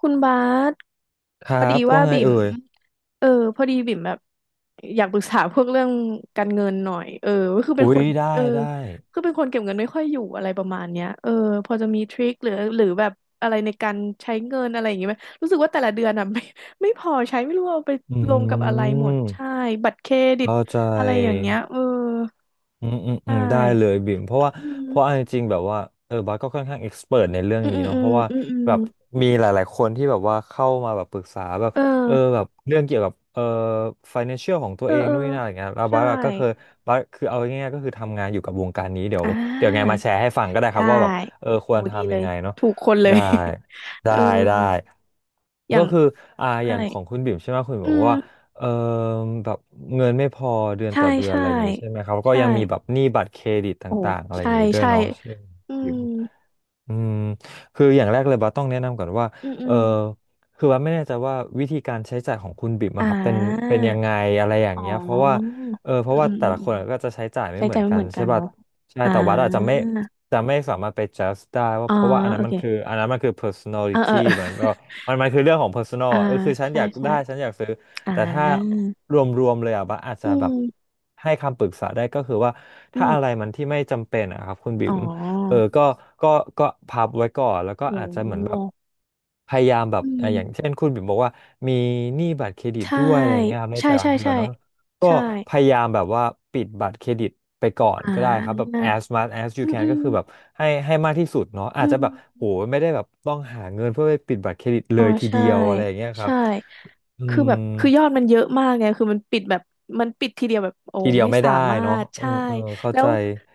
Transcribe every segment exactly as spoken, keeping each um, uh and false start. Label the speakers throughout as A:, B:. A: คุณบาส
B: ค
A: พ
B: รั
A: อดี
B: บ
A: ว่า
B: ว่าไง
A: บิ่ม
B: เอ่ย
A: เออพอดีบิ่มแบบอยากปรึกษาพวกเรื่องการเงินหน่อยเออก็คือเป็
B: อุ้
A: นค
B: ย
A: น
B: ได้
A: เออ
B: ได้
A: คือเป็นคนเก็บเงินไม่ค่อยอยู่อะไรประมาณเนี้ยเออพอจะมีทริคหรือหรือแบบอะไรในการใช้เงินอะไรอย่างเงี้ยไหมรู้สึกว่าแต่ละเดือนอ่ะ ไม่ไม่พอใช้ไม่รู้ว่าเอาไป
B: อื
A: ลงกับอะไรหมดใช่
B: ม
A: บัตรเครดิต
B: เข้าใจ
A: อะไรอย่างเงี้ยเออ
B: อืมอืม
A: ใช
B: อืมได้เลย
A: ่
B: บิ่มเพราะว่า
A: อื
B: เพราะเอา
A: ม
B: จริงๆแบบว่าเออบาสก็ค่อนข้างเอ็กซ์เพรในเรื่อง
A: อืมอื
B: นี้
A: ม
B: เนาะ
A: อื
B: เพ
A: ม
B: ราะว่า
A: อืมอืม
B: แบบมีหลายๆคนที่แบบว่าเข้ามาแบบปรึกษาแบบ
A: เออ
B: เออแบบเรื่องเกี่ยวกับเออ financial ของตัว
A: เออ
B: เอง
A: เออ
B: นู่นนี่นั่นอะไรเงี้ยแล้ว
A: ใช่
B: บาสก็เคยบาสคือเอาง่ายๆก็คือทำงานอยู่กับวงการนี้เดี๋ยว
A: อ่า
B: เดี๋ยวไงมาแชร์ให้ฟังก็ได้ครั
A: ได้
B: บว่าแบบเออค
A: โห
B: วร
A: ดี
B: ทำ
A: เล
B: ยัง
A: ย
B: ไงเนาะ
A: ถูกคนเลย
B: ได้
A: เอ
B: ได้
A: อ
B: ได้
A: อย่า
B: ก็
A: ง
B: คืออ่าอ
A: ใช่
B: ย่างของคุณบิ่มใช่ไหมคุณบิ่ม
A: อื
B: บอกว่า
A: ม
B: เอ่อแบบเงินไม่พอเดือน
A: ใช่
B: ต่อเดือน
A: ใช่
B: อะไรอย่างงี้ใช่ไหมครับก็
A: ใช่
B: ยังมีแบบหนี้บัตรเครดิต
A: โอ้
B: ต่างๆอะไรอ
A: ใช่
B: ย่างงี้ด้วย
A: ใช่
B: เนาะใช่ไหม
A: อืม
B: อืมคืออย่างแรกเลยบัสต้องแนะนำก่อนว่า
A: อืมอื
B: เออ
A: ม
B: คือบัสไม่แน่ใจว่าวิธีการใช้จ่ายของคุณบิ๊ม
A: อ่
B: อะครับเป็น
A: า
B: เป็นยังไงอะไรอย่า
A: อ๋
B: ง
A: อ
B: เงี้ยเพราะว่าเออเพ
A: อืม
B: ราะว่า
A: อืม
B: แต่
A: อืม
B: ละ
A: อื
B: ค
A: ม
B: นก็จะใช้จ่ายไม่
A: ใช้
B: เห
A: ใจ
B: มือน
A: ไม่
B: กั
A: เห
B: น
A: มือนกั
B: ใช่
A: น
B: ป่ะ
A: เนาะ
B: ใช่
A: อ่า
B: แต่วัดอาจจะไม่จะไม่สามารถไป judge ได้ว่า
A: อ๋อ
B: เพราะว่าอันนั้
A: โอ
B: นมั
A: เค
B: นคืออันนั้นมันคือ
A: เออเอ
B: personality
A: อ
B: มันก็มันมันคือเรื่องของ personal
A: อ่า
B: อะเออคือฉัน
A: ใช่
B: อยาก
A: ใช่
B: ได้ฉันอยากซื้อ
A: อ่า
B: แต่ถ้ารวมๆเลยอ่ะบัสอาจ
A: อื
B: จะแบบ
A: ม
B: ให้คำปรึกษาได้ก็คือว่า
A: อื
B: ถ้าอะไร
A: ม
B: มันที่ไม่จำเป็นอะครับคุณบิ๋
A: อ๋
B: ม เออ
A: อ
B: ก็ก็ก็พับไว้ก่อนแล้วก็
A: โอ
B: อาจจะเหมือนแบบ
A: ้
B: พยายามแบบ
A: อื
B: อ่ะอย่างเช่
A: ม
B: นคุณบิ่มบอกว่ามีหนี้บัตรเครดิต
A: ใช่
B: ด้วยอะไรเงี้ยครับใน
A: ใช่
B: แต่ละ
A: ใช่
B: เดือ
A: ใช่
B: นเนาะก็
A: ใช่
B: พยายามแบบว่าปิดบัตรเครดิตไปก่อน
A: อ่
B: ก็ได้ครับ
A: า
B: แบบ as much as you
A: อืมอื
B: can ก็
A: ม
B: คือแบบให้ให้มากที่สุดเนาะ
A: อื
B: อาจจะ
A: ม
B: แบบโหไม่ได้แบบต้องหาเงินเพื่อไปปิดบัตรเครดิต
A: อ๋
B: เล
A: อ
B: ยที
A: ใช่
B: เดียวอะไรอย่างเงี้ยครั
A: ใช่
B: บอื
A: คือ
B: ม
A: แบบคือยอดมันเยอะมากไงคือมันปิดแบบมันปิดทีเดียวแบบโอ้
B: ทีเดียว
A: ไม่
B: ไม่
A: สา
B: ได้
A: มา
B: เนาะ
A: รถ
B: เออ
A: ใช่
B: เออเข้า
A: แล้
B: ใจ
A: ว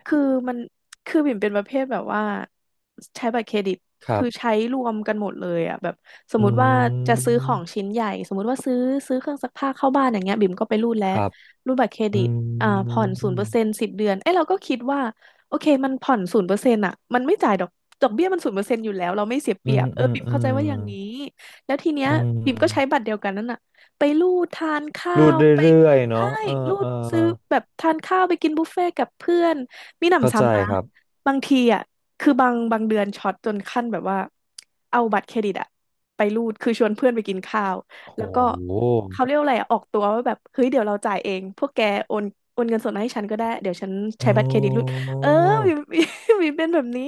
A: คือมันคือบิ่มเป็นประเภทแบบว่าใช้บัตรเครดิต
B: ครั
A: คื
B: บ
A: อใช้รวมกันหมดเลยอ่ะแบบสม
B: อื
A: มติว่าจะซื้อของ
B: ม
A: ชิ้นใหญ่สมมติว่าซื้อซื้อเครื่องซักผ้าเข้าบ้านอย่างเงี้ยบิ่มก็ไปรูดแล้
B: ค
A: ว
B: รับ
A: รูดบัตรเคร
B: อื
A: ดิตอ่าผ่อนศูนย์เปอร์เซ็นต์
B: ม
A: สิบเดือนเอ้ยเราก็คิดว่าโอเคมันผ่อนศูนย์เปอร์เซ็นต์อ่ะมันไม่จ่ายดอกดอกเบี้ยมันศูนย์เปอร์เซ็นต์อยู่แล้วเราไม่เสียเป
B: อื
A: รีย
B: ม
A: บเออ
B: อืม
A: บิม
B: อื
A: เข้าใจ
B: ม
A: ว่าอย่างนี้ แล้วทีเนี้ย
B: อื
A: บิมก็ใช้
B: ม
A: บัตรเดียวกันนั่นน่ะไปลูดทานข้า
B: รูด
A: วไป
B: เรื่อยๆ
A: ใช่
B: เนาะเออ
A: ลู
B: เออ
A: ดซื้อแบบทานข้าวไปกินบุฟเฟ่ต์กับเพื่อนมีห
B: เข้า
A: นำ
B: ใจ
A: ซ้ำนะ
B: ครับ
A: บางทีอ่ะคือบางบางเดือนช็อตจนขั้นแบบว่าเอาบัตรเครดิตอ่ะไปรูดคือชวนเพื่อนไปกินข้าว
B: โ
A: แล้วก็
B: ห
A: เขาเรียกว่าอะไรอะออกตัวว่าแบบเฮ้ยเดี๋ยวเราจ่ายเองพวกแกโอนโอนเงินสดมาให้ฉันก็ได้เดี๋ยวฉัน
B: โอ้
A: ใช้บัตรเครดิตรูดเออมีมี มีเป็นแบบนี้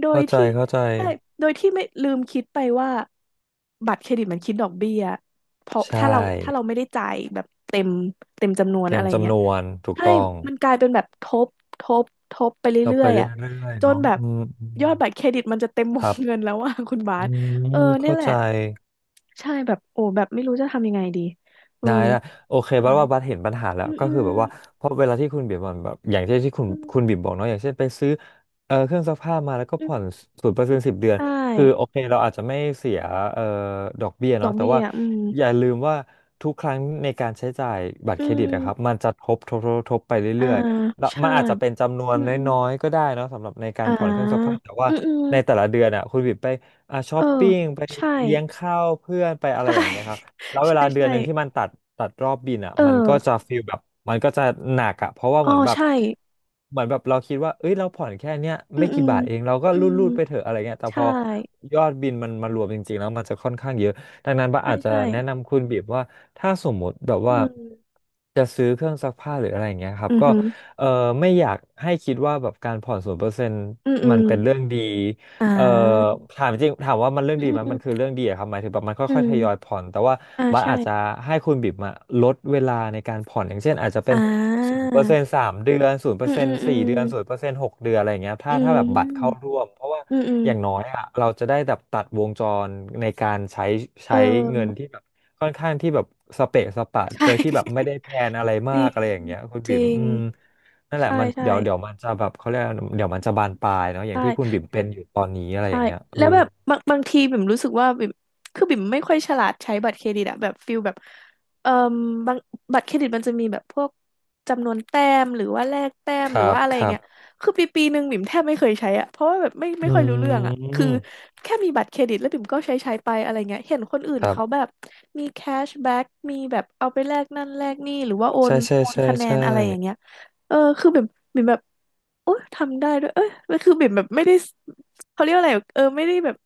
A: โดย
B: เข้าใจ
A: ที่
B: เข้าใจ
A: ใช่ โดยที่ไม่ลืมคิดไปว่าบัตรเครดิตมันคิดดอกเบี้ยเพราะ
B: ใช่
A: ถ้าเราถ้าเราไม่ได้จ่ายแบบเต็มเต็มจำนวน
B: เต็
A: อะ
B: ม
A: ไรเงี้
B: จำน
A: ย
B: วนถูก
A: ใช่
B: ต้อง
A: มันกลายเป็นแบบทบทบทบไป
B: เรา
A: เรื่
B: ไป
A: อย
B: เ
A: ๆอ่ะ
B: รื่อย
A: จ
B: ๆ
A: น
B: เนาะ
A: แบบ
B: อืมอื
A: ยอ
B: ม
A: ดบัตรเครดิตมันจะเต็มว
B: ค
A: ง
B: รับ
A: เงินแล้วว่า คุณบา
B: อื
A: สเออ
B: ม
A: เนี่ย
B: เข้า
A: แหละ
B: ใจ
A: ใช่แบบโอ้แบบไม่รู้จะทำยังไงดีเออ
B: ได้ได้โอเคบัดว่าบัดเห็นปัญหาแล้ว
A: อืม
B: ก็
A: อื
B: คื
A: ม
B: อแบบว่าเพราะเวลาที่คุณบิ่มมันแบบอย่างเช่นที่คุณ
A: อืม
B: คุณบิ่มบอกเนาะอย่างเช่นไปซื้อเอ่อเครื่องซักผ้ามาแล้วก็
A: อืม
B: ผ่อนศูนย์เปอร์เซ็นต์สิบเดือน
A: ใช
B: คือโอ
A: ่
B: เคเราอาจจะไม่เสียเอ่อดอกเบี้ย
A: ดอ
B: เนาะ
A: ก
B: แต่
A: เบี้ย
B: ว่า
A: อืม
B: อย่าลืมว่าทุกครั้งในการใช้จ่ายบัตร
A: อื
B: เครดิตนะครับ
A: ม
B: มันจะทบทบทบทบไป
A: อ่า
B: เรื่อยๆแล้ว
A: ใช่
B: มันอาจจะเป็นจำนว
A: อื
B: น
A: ม
B: น
A: อืม
B: ้อยๆก็ได้เนาะสำหรับในการ
A: อ่า
B: ผ่อนเครื่องซักผ้าแต่ว่า
A: อืมอื
B: ในแต่
A: ม
B: ละเดือนอ่ะคุณบิ่มไปอ่ะช้อ
A: เออ
B: ปปิ้งไป
A: ใช่
B: เลี้ยงข้าวเพื่อนไปอะไร
A: ใช่
B: อย่างเงี้ยครั บ แล้วเว
A: ใช่
B: ลาเดือ
A: ใช่
B: นหนึ่งที่มันตัดตัดรอบบินอ่ะ
A: เอ
B: มัน
A: อ
B: ก็จะฟีลแบบมันก็จะหนักอ่ะเพราะว่า
A: อ๋อ
B: เหมือนแบบ
A: ใช่
B: เหมือนแบบเราคิดว่าเอ้ยเราผ่อนแค่เนี้ย
A: อืม
B: ไม่
A: อื
B: กี่
A: ม
B: บาทเองเราก็
A: อืม
B: รูดๆไปเถอะอะไรเงี้ยแต่พ
A: ใช่
B: อยอดบินมันมารวมจริงๆแล้วมันจะค่อนข้างเยอะดังนั้นบ้า
A: ใช่
B: อาจจะ
A: ใช่
B: แนะนำคุณบีบว่าถ้าสมมติแบบ
A: อื
B: ว่า
A: ม
B: จะซื้อเครื่องซักผ้าหรืออะไรอย่างเงี้ยครั
A: อื
B: บ
A: มอ
B: ก็
A: หือ
B: เออไม่อยากให้คิดว่าแบบการผ่อนศูนย์เปอร์เซ็นต์
A: อืมอื
B: มัน
A: ม
B: เป็นเรื่องดี
A: อ่
B: เอ่อ
A: า
B: ถามจริงถามว่ามันเรื่อง
A: อื
B: ดีไหมมัน
A: ม
B: คือเรื่องดีอะครับหมายถึงแบบมัน
A: อื
B: ค่อยๆทยอย
A: ม
B: ผ่อนแต่ว่า
A: อ่า
B: บัส
A: ใช่
B: อาจจะให้คุณบิ๋มอะลดเวลาในการผ่อนอย่างเช่นอาจจะเป็
A: อ่
B: นศูน
A: า
B: ย์เปอร์เซ็นต์สามเดือนศูนย์เปอ
A: อื
B: ร์
A: ม
B: เซ็
A: อื
B: น
A: ม
B: ต์
A: อื
B: สี่
A: ม
B: เดือนศูนย์เปอร์เซ็นต์หกเดือนอะไรอย่างเงี้ยถ้า
A: อื
B: ถ้าแบบบัตรเข้า
A: ม
B: ร่วมเพราะว่า
A: อืมอืม
B: อย่างน้อยอะเราจะได้แบบตัดวงจรในการใช้
A: เ
B: ใช้เงิน
A: ออ
B: ที่แบบค่อนข้างที่แบบสเปะสปะโด
A: ใช่
B: ยที่แบบไม่ได้แพลนอะไร
A: จ
B: มา
A: ริ
B: กอะไร
A: ง
B: อย่างเงี้ยคุณ
A: จ
B: บิ๋
A: ริ
B: ม
A: ง
B: อืม นั่นแหละ
A: ใช่
B: มัน
A: ใช่
B: เดี๋ยวเดี๋ยวมันจะแบบเขาเรียกว่าเดี๋ยวมันจะบานปลายเนาะอย่างที่คุณ
A: ใช่
B: บิ่มเป็นอยู่ตอนนี้อะไรอ
A: ใช่
B: ย่างเงี้ยเอ
A: แล้
B: อ
A: วแบบบางบางทีบิ่มรู้สึกว่าบิ่มคือบิ่มไม่ค่อยฉลาดใช้บัตรเครดิตอะแบบฟิลแบบเอ่มบางบัตรเครดิตมันจะมีแบบพวกจำนวนแต้มหรือว่าแลกแต้ม
B: ค
A: หรื
B: รั
A: อ
B: บ
A: ว่าอะไร
B: ค
A: อย่าง
B: รับ
A: เงี้ยคือปีปีหนึ่งบิ่มแทบไม่เคยใช้อะเพราะว่าแบบไม่ไม่
B: อื
A: ค่อยรู้เรื่องอะคือ
B: ม
A: แค่มีบัตรเครดิตแล้วบิ่มก็ใช้ใช้ไปอะไรเงี้ยเห็นคนอื่น
B: ครั
A: เขาแบ
B: บ
A: บมีแคชแบ็กมีแบบเอาไปแลกนั่นแลกนี่หรือว่าโอน
B: ใช่ใช่
A: โอน
B: ใช่
A: คะแนน
B: ใช่
A: อะไรอย่างเงี้ย เออคือแบบบิ่มแบบโอ๊ยทำได้ด้วยเอ้ยแล้วคือบิ่มแบบไม่ได้เขาเรียกว่าอะไรเออไม่ได้แบบ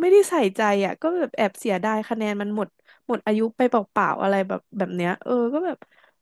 A: ไม่ได้ใส่ใจอ่ะก็แบบแอบเสียดายคะแนนมันหมดหมดอายุไปเปล่าๆอะไรแบบแบบเนี้ยเออก็แบบ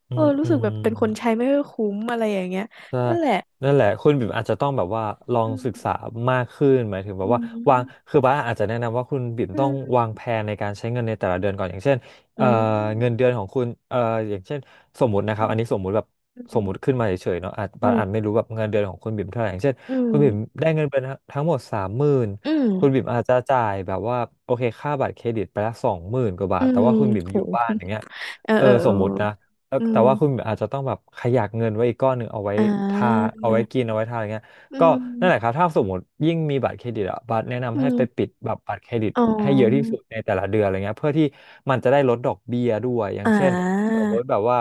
B: อื
A: เออ
B: ม
A: รู้
B: อื
A: สึกแบบเป็นคน
B: ม
A: ใช้ไม่ค่อยคุ้มอะไรอย่างเงี้ย
B: ใช่
A: นั่นแหละ
B: นั่นแหละคุณบิ่มอาจจะต้องแบบว่าลอง
A: อืม
B: ศึกษามากขึ้นหมายถึงแบ
A: อื
B: บว่าวาง
A: ม
B: คือบ้าสอาจจะแนะนำว่าคุณบิ่ม
A: อื
B: ต้อง
A: ม
B: วางแผนในการใช้เงินในแต่ละเดือนก่อนอย่างเช่น
A: อื
B: เอ่อ
A: ม
B: เงินเดือนของคุณเอ่ออย่างเช่นสมมตินะครับอันนี้สมมุติแบบ
A: อื
B: สมมุติ
A: ม
B: ขึ้นมาเฉยๆเนาะอาจ
A: อื
B: บาสอาจ
A: ม
B: ไม่รู้แบบเงินเดือนของคุณบิ่มเท่าไหร่อย่างเช่น
A: อื
B: คุณ
A: ม
B: บิ่มได้เงินเดือนทั้งหมดสามหมื่น
A: อืม
B: คุณบิ่มอาจจะจ่ายแบบว่าโอเคค่าบัตรเครดิตไปละสองหมื่นกว่าบา
A: อื
B: ทแต่
A: มอื
B: ว่า
A: ม
B: คุณบิ่มอยู่บ้านอ
A: โห
B: ย่างเงี้ย
A: เออ
B: เออ
A: เออเอ
B: ส
A: อ
B: มมตินะ เออ
A: อื
B: แต่
A: ม
B: ว่าคุณอาจจะต้องแบบขยักเงินไว้อีกก้อนหนึ่งเอาไว้
A: อ่
B: ทา
A: า
B: เอาไว้กินเอาไว้ทาอะไรเงี้ย
A: อื
B: ก็นั่นแหละค
A: ม
B: รับถ้าสมมติยิ่งมีบัตรเครดิตอะบัตรแนะ
A: อื
B: นำให้ไป
A: ม
B: ปิดแบบบัตรเครดิต
A: อ๋อ
B: ให้เยอะที่สุดในแต่ละเดือนอะไรเงี้ยเพื่อที่มันจะได้ลดดอกเบี้ยด้วยอย่า
A: อ่
B: งเช่น
A: า
B: สมมติแบบว่า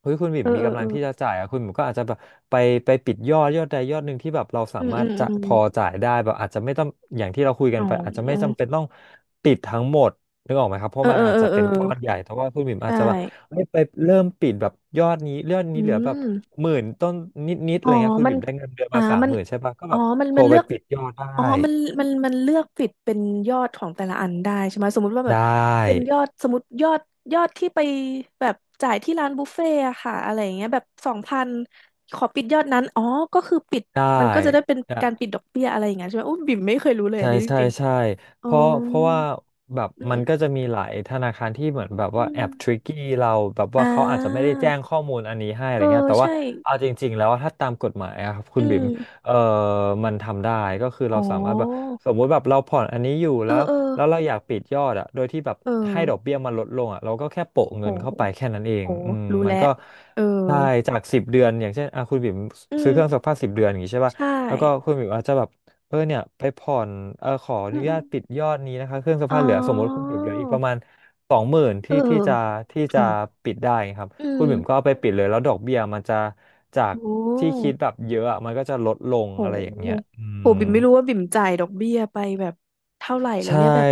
B: เฮ้ยคุณบิ่
A: เอ
B: ม
A: อ
B: มี
A: เออ
B: กำ
A: เอ
B: ลั
A: อ
B: งที่จะจ่ายอะคุณบิ่มก็อาจจะแบบไปไปปิดยอดยอดใดยอดหนึ่งที่แบบเราสา
A: อืม
B: มา
A: อื
B: รถ
A: ม
B: จะ
A: อื
B: พ
A: ม
B: อจ่ายได้แบบอาจจะไม่ต้องอย่างที่เราคุยกั
A: อ๋
B: นไปอาจจะไม่
A: อ
B: จำเป็นต้องปิดทั้งหมด นึกออกไหมครับเพ
A: เอ
B: ราะ
A: อ
B: มั
A: เอ
B: น
A: อ
B: อาจ
A: เออ
B: จะ
A: เออ
B: เป็นก้อนใหญ่แต่ว่าคุณบิ่มอาจ
A: ใช่
B: จะแบบไไปเริ่มปิดแบบยอดนี้ยอด
A: อื
B: นี้เหลือแบบ
A: ม
B: หมื่นต้นนิดๆอะ
A: อ๋อ
B: ไรเงี้ยคุณ
A: มัน
B: บิ่มได้เงินเดือน
A: อ่า
B: มาสาม
A: มัน
B: หมื่นใช่ปะก็
A: อ๋
B: แบ
A: อ
B: บ
A: มัน
B: โทร
A: มัน
B: ไป
A: เลือก
B: ปิดยอดได้
A: อ๋อมันมันมันเลือกฟิตเป็นยอดของแต่ละอันได้ใช่ไหมสมมุติว่าแบ
B: ได้
A: บเป็นยอดสมมติยอดยอดที่ไปแบบจ่ายที่ร้านบุฟเฟ่ต์อะค่ะอะไรอย่างเงี้ยแบบสองพันขอปิดยอดนั้นอ๋อก็คือปิดมันก็จะได้เป็น
B: ได
A: การปิ
B: ้
A: ดดอกเบี้ยอะไรอย่างเงี้ยใช่ไหมอุ้ยบิ่มไม่เคยรู้เลย
B: ใช่
A: อันนี้จ
B: ใช่
A: ริง
B: ใช่
A: ๆอ๋อ
B: เพราะเพราะว่าแบบ
A: อื
B: มัน
A: ม
B: ก็จะมีหลายธนาคารที่เหมือนแบบว่า
A: อื
B: แอ
A: ม
B: บทริกกี้เราแบบ
A: อ่
B: ว่าเขาอาจจะไม่
A: า
B: ได้แจ้งข้อมูลอันนี้ให้อะไร
A: เออ
B: เงี้ยแต่ว่า
A: ใช่
B: เอาจริงๆแล้วถ้าตามกฎหมายอะครับคุ
A: อื
B: ณบิ่ม
A: ม
B: เออมันทำได้ก็คือเรา
A: โอ้
B: สามารถแบบสมมุติแบบเราผ่อนอันนี้อยู่
A: เอ
B: แล้
A: อ
B: ว
A: เออ
B: แล้วเราอยากปิดยอดอะโดยที่แบบ
A: เอ
B: ให้ดอก
A: อ
B: เบี้ยมันลดลงอะเราก็แค่โปะ
A: โอ้
B: เงินเข้าไปแค่นั้นเอง
A: โอ้
B: อืม
A: รู้
B: มัน
A: แล้ว
B: ก็
A: เออ
B: ได้จากสิบเดือนอย่างเช่นอ่ะคุณบิ่ม
A: อื
B: ซื้อเครื่องซัก
A: ม
B: ผ้าสิบเดือนอย่างงี้ใช่ปะ
A: ใช่
B: แล้วก็คุณหมิวอาจจะแบบเออเนี่ยไปผ่อนเออขออ
A: อื
B: นุ
A: มอ
B: ญา
A: ม
B: ตปิดยอดนี้นะคะเครื่องซัก
A: อ๋
B: ผ้าเหลือสมมติคุณ
A: อ
B: หมิวเหลืออีกประมาณสองหมื่น
A: เออ
B: ที่ที่จะที่
A: อื
B: จะ
A: ม
B: ปิดได้ครับ
A: อื
B: คุณ
A: ม
B: หมิวก็เอาไปปิดเลยแล้วดอกเบี้ยมันจะจาก
A: โอ
B: ที่
A: ้
B: คิดแบบเยอะอะมันก็จะลดลง
A: โ
B: อะไรอย่างเงี้ย
A: ห
B: อื
A: โห
B: ม
A: บิ่มไม่รู้ว่าบิ่มจ่ายดอกเบี้ยไปแบบเท่าไหร่แล้ว
B: ใช่
A: เนี่ยแบบ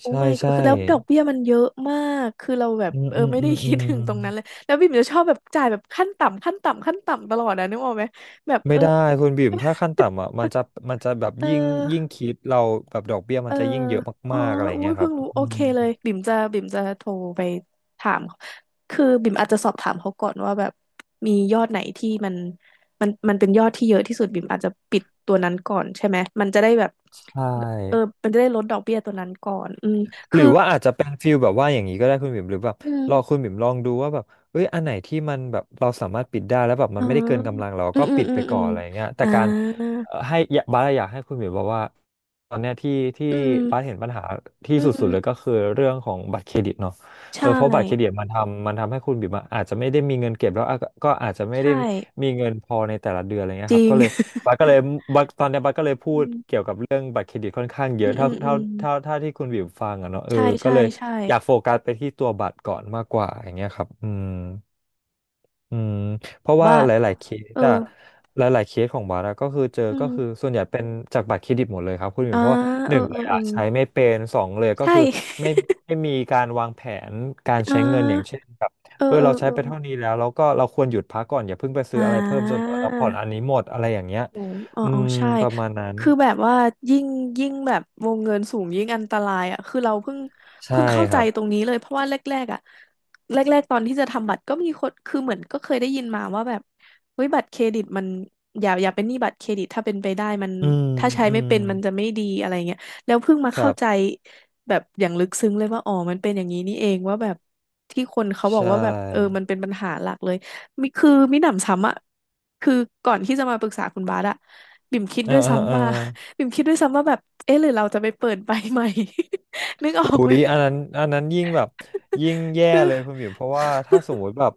A: โอ้
B: ใช่
A: my god
B: ใช่
A: คือแล้วดอกเบี้ยมันเยอะมากคือเราแบบ
B: อืม
A: เออ
B: อืม
A: ไม่
B: อื
A: ได้
B: มอื
A: คิดถึ
B: ม
A: งตรงนั้นเลยแล้วบิ่มจะชอบแบบจ่ายแบบขั้นต่ำขั้นต่ำ ขั้นต่ำตลอดนะนึกออกไหมแบบ
B: ไม่
A: เออ
B: ได้คุณบิ่มถ้าขั้นต่ำอ่ะมันจะมันจะแบบ
A: เอ
B: ยิ่งยิ่ง
A: อ
B: คิดเราแบบดอกเบี้ย
A: เอ
B: มั
A: อ
B: นจะยิ่งเยอะ
A: อ๋อ
B: มากๆอะไร
A: อุ้
B: เงี้
A: ย
B: ยค
A: เพิ่
B: รั
A: ง
B: บ
A: รู้โอ
B: อื
A: เค
B: ม
A: เลยบิ่มจะบิ่มจะโทรไปถามคือบิ่มอาจจะสอบถามเขาก่อนว่าแบบมียอดไหนที่มันมันมันเป็นยอดที่เยอะที่สุดบิ่มอาจจะปิดตัวนั้นก่อนใช่ไหมมันจะได้แบบ
B: ใช่
A: เออมันจะได้ลดดอกเบี้ยตัวนั้นก่อนอืม
B: หรื
A: คือ
B: อว่าอาจจะเป็นฟิลแบบว่าอย่างนี้ก็ได้คุณบิ่มหรือแบบ
A: อื
B: รอ
A: ม
B: คุณบิ่มลองดูว่าแบบเอ้ยอันไหนที่มันแบบเราสามารถปิดได้แล้วแบบมั
A: อ๋อ
B: นไม่ได้เกินกำลังเรา
A: อื
B: ก็
A: มอืม
B: ปิด
A: อื
B: ไป
A: มอื
B: ก่อ
A: ม
B: นอะไรเงี้ยแต่
A: อ่า
B: การเอ่อให้อย่าบาสอยากให้คุณบิ่มบอกว่าตอนเนี้ยที่ที่
A: อื
B: บาส
A: ม
B: เห็นปัญหาที่
A: อื
B: สุดๆเลยก็
A: ม
B: คือเรื่องของบัตรเครดิตเนาะเอ
A: ใช่
B: อเพราะบัตรเครดิตมันทำมันทำให้คุณบิ่มอะอาจจะไม่ได้มีเงินเก็บแล้วอะก็อาจจะไม่
A: ใช่
B: ได้มีเงินพอในแต่ละเดือนอะไรเงี้
A: จ
B: ยครั
A: ริ
B: บ
A: ง
B: ก็เลยบัสก็เลยบาสตอนเนี้ยบัสก็เลย พู
A: อื
B: ด
A: ม
B: เรื่องบัตรเครดิตค่อนข้างเย
A: อื
B: อะ
A: มอื
B: เท่า
A: มอื
B: เท่า
A: ม
B: เท่าเท่าที่คุณวิวฟังอะเนาะเออ
A: ใช่
B: ก็
A: ใช่
B: เลย
A: ใช่
B: อยากโฟกัสไปที่ตัวบัตรก่อนมากกว่าอย่างเงี้ยครับอืมอืมเพราะว่า
A: ว่า
B: หลายๆเคส
A: เออ
B: อะหลายๆเคสของบัตรอะก็คือเจอ
A: อื
B: ก็คือ
A: ม
B: ส่วนใหญ่เป็นจากบัตรเครดิตหมดเลยครับคุณวิ
A: อ่า
B: วเพราะว่าห
A: เออ
B: นึ่ง
A: เอ
B: เล
A: อ
B: ย
A: เออ
B: อะใช้ไม่เป็นสองเลยก็
A: ใช่
B: คือไม่ ไม่มีการวางแผนการ
A: อ่
B: ใช้เงินอย่าง
A: า
B: เช่น
A: เอ
B: เอ
A: อ
B: อ
A: เอ
B: เรา
A: อ
B: ใช้
A: เอ
B: ไป
A: อ
B: เท่านี้แล้วแล้วก็เราควรหยุดพักก่อนอย่าเพิ่งไป
A: อ่
B: ซื้ออะไรเพิ่มจนกว่าเราผ่อนอัน
A: า
B: นี้หมดอะไรอย่างเงี้ย
A: อ๋ออ๋อ
B: อื
A: อ๋อ
B: ม
A: ใช่
B: ประมาณนั้น
A: คือแบบว่ายิ่ง ยิ่งแบบวงเงินสูงยิ่งอันตรายอ่ะคือเราเพิ่ง
B: ใช่
A: เพิ่งเข้า
B: ค
A: ใจ
B: รับ
A: ตรงนี้เลยเพราะว่าแรกๆอ่ะแรกๆตอนที่จะทำบัตรก็มีคนคือเหมือนก็เคยได้ยินมาว่าแบบเฮ้ยบัตรเครดิตมันอย่าอย่าเป็นหนี้บัตรเครดิตถ้าเป็นไปได้มัน
B: อืม
A: ถ้าใช้
B: อื
A: ไม่
B: ม
A: เป็นมันจะไม่ดีอะไรเงี้ยแล้วเพิ่งมา
B: ครั
A: เข้าใจ
B: บ
A: แบบอย่างลึกซึ้งเลยว่าอ๋อมันเป็นอย่างนี้นี่เองว่าแบบที่คนเขาบ
B: ใช
A: อกว่าแบบเออ
B: ่
A: มันเป็นปัญหาหลักเลย มิคือมิหนำซ้ำอะคือก่อนที่จะมาปรึกษาคุณบาสอะบิ่มคิด
B: เออ
A: ด้วย
B: เออเออ
A: ซ้ำว่า บิ่มคิดด้วยซ้ำว่าแบบเอ๊ะหรือเราจะไปเปิดใบใหม่ นึกออ
B: อุ๊
A: กไหม
B: ยอันนั้นอันนั้นยิ่งแบบยิ่งแย่
A: คือ
B: เลยคุณบิ๋มเพราะว่าถ้าสมมุติแบบ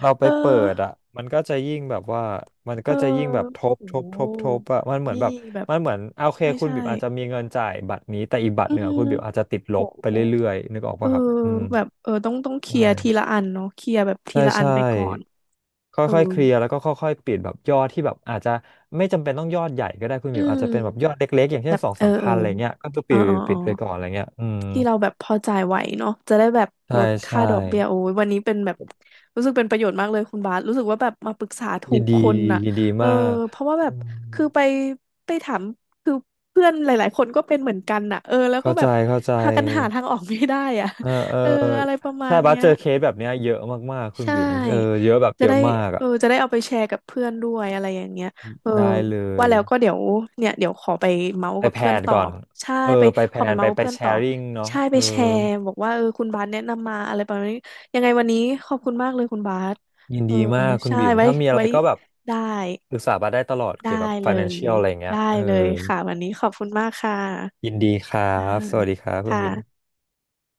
B: เราไป
A: เอ
B: เปิดอ่ะ
A: อ
B: มันก็จะยิ่งแบบว่ามัน
A: เอ
B: ก็
A: อ
B: จะยิ่งแบบท
A: โอ้
B: บ
A: โ
B: ทบทบท
A: ห
B: บอ่ะมันเหมือน
A: นี่
B: แบบ
A: แบบ
B: มันเหมือนโอเค
A: ใช่
B: คุณ
A: ใช่
B: บิ๋มอาจจะมีเงินจ่ายบัตรนี้แต่อีกบัตร
A: อื
B: หนึ่งอะคุณ
A: ม
B: บิ๋มอาจจะติดล
A: โห
B: บไปเรื่อยๆนึกออก
A: เออ
B: ปะครับอืม
A: แบบเออต้องต้องเค
B: ใช
A: ลียร์ทีละ
B: ่
A: อันเนาะเคลียร์แบบที
B: ใช่
A: ละอัน
B: ใช่
A: ไปก่อนเออ
B: ค่อยๆเคลียร์แล้วก็ค่อยๆปิดแบบยอดที่แบบอาจจะไม่จำเป็นต้องยอดใหญ่ก็ได้คุณห
A: อื
B: มิวอาจจะ
A: ม
B: เป็นแบบยอดเล็กๆอย่าง
A: แบ
B: เช่น
A: บ
B: สอง
A: เออ
B: สาม
A: เอ
B: พั
A: อ
B: นอะไรเงี้ยก็คือ
A: เอ
B: ปิ
A: อ
B: ด
A: เออเอ
B: ปิ
A: อ
B: ดไปก่อนอะไรเงี้ยอืม
A: ที่เราแบบพอจ่ายไหวเนาะจะได้แบบ
B: ใช่
A: ลดค่า
B: ใช่
A: ดอกเบี้ยโอ้ยวันนี้เป็นแบบรู้สึกเป็นประโยชน์มากเลยคุณบาสรู้สึกว่าแบบมาปรึกษาถู
B: ยิน
A: ก
B: ดี
A: คนน่ะ
B: ยินดี
A: เออ
B: มาก
A: เพราะว่าแบ
B: อื
A: บ
B: ม
A: คือไปไปถามคือเพื่อนหลายๆคนก็เป็นเหมือนกันน่ะเออแล้วก็
B: เข้า
A: แบ
B: ใจ
A: บ
B: เข้าใจ
A: พากันหาทางออกไม่ได้อ่ะ
B: เออเออ
A: เอออะไรประมา
B: ใช่
A: ณ
B: บั
A: เนี้
B: ส
A: ย
B: เจอเคสแบบเนี้ยเยอะมากๆคุณ
A: ใช่
B: บิ๋มเออเยอะแบบ
A: จะ
B: เยอะ
A: ได้
B: มาก
A: เอ
B: อ่ะ
A: อจะได้เอาไปแชร์กับเพื่อนด้วยอะไรอย่างเงี้ยเออ
B: ได้เล
A: ว่า
B: ย
A: แล้วก็เดี๋ยวเนี่ยเดี๋ยวขอไปเมาส์
B: ไป
A: กับ
B: แพล
A: เพื่อน
B: น
A: ต่อ
B: ก่อน
A: ใช่
B: เออ
A: ไป
B: ไปแพ
A: ขอ
B: ล
A: ไป
B: นไป
A: เมาส์กับ
B: ไป
A: เพื่อน
B: แช
A: ต่อ
B: ร์ริ่งเนาะ
A: ใช่
B: เอ
A: ไป
B: อ
A: แชร์บอกว่าเออคุณบาสแนะนำมาอะไรประมาณนี้ยังไงวันนี้ขอบคุณมากเลยคุณบาส
B: ยิน
A: เออ
B: ดีมากคุณ
A: ใช่
B: บิ๋ม
A: ไว้
B: ถ้ามีอะไร
A: ไว้
B: ก็แบบ
A: ได้
B: ปรึกษาบาสได้ตลอด
A: ได้
B: เกี่ยวกับ
A: เลย
B: financial อะไรอย่างเงี้ย
A: ได้
B: เออ
A: เลยค่ะวันนี้ขอบคุณมากค่ะ
B: ยินดีครั
A: อ่า
B: บ สวัสดีครับคุณ
A: ค่ะ
B: วิม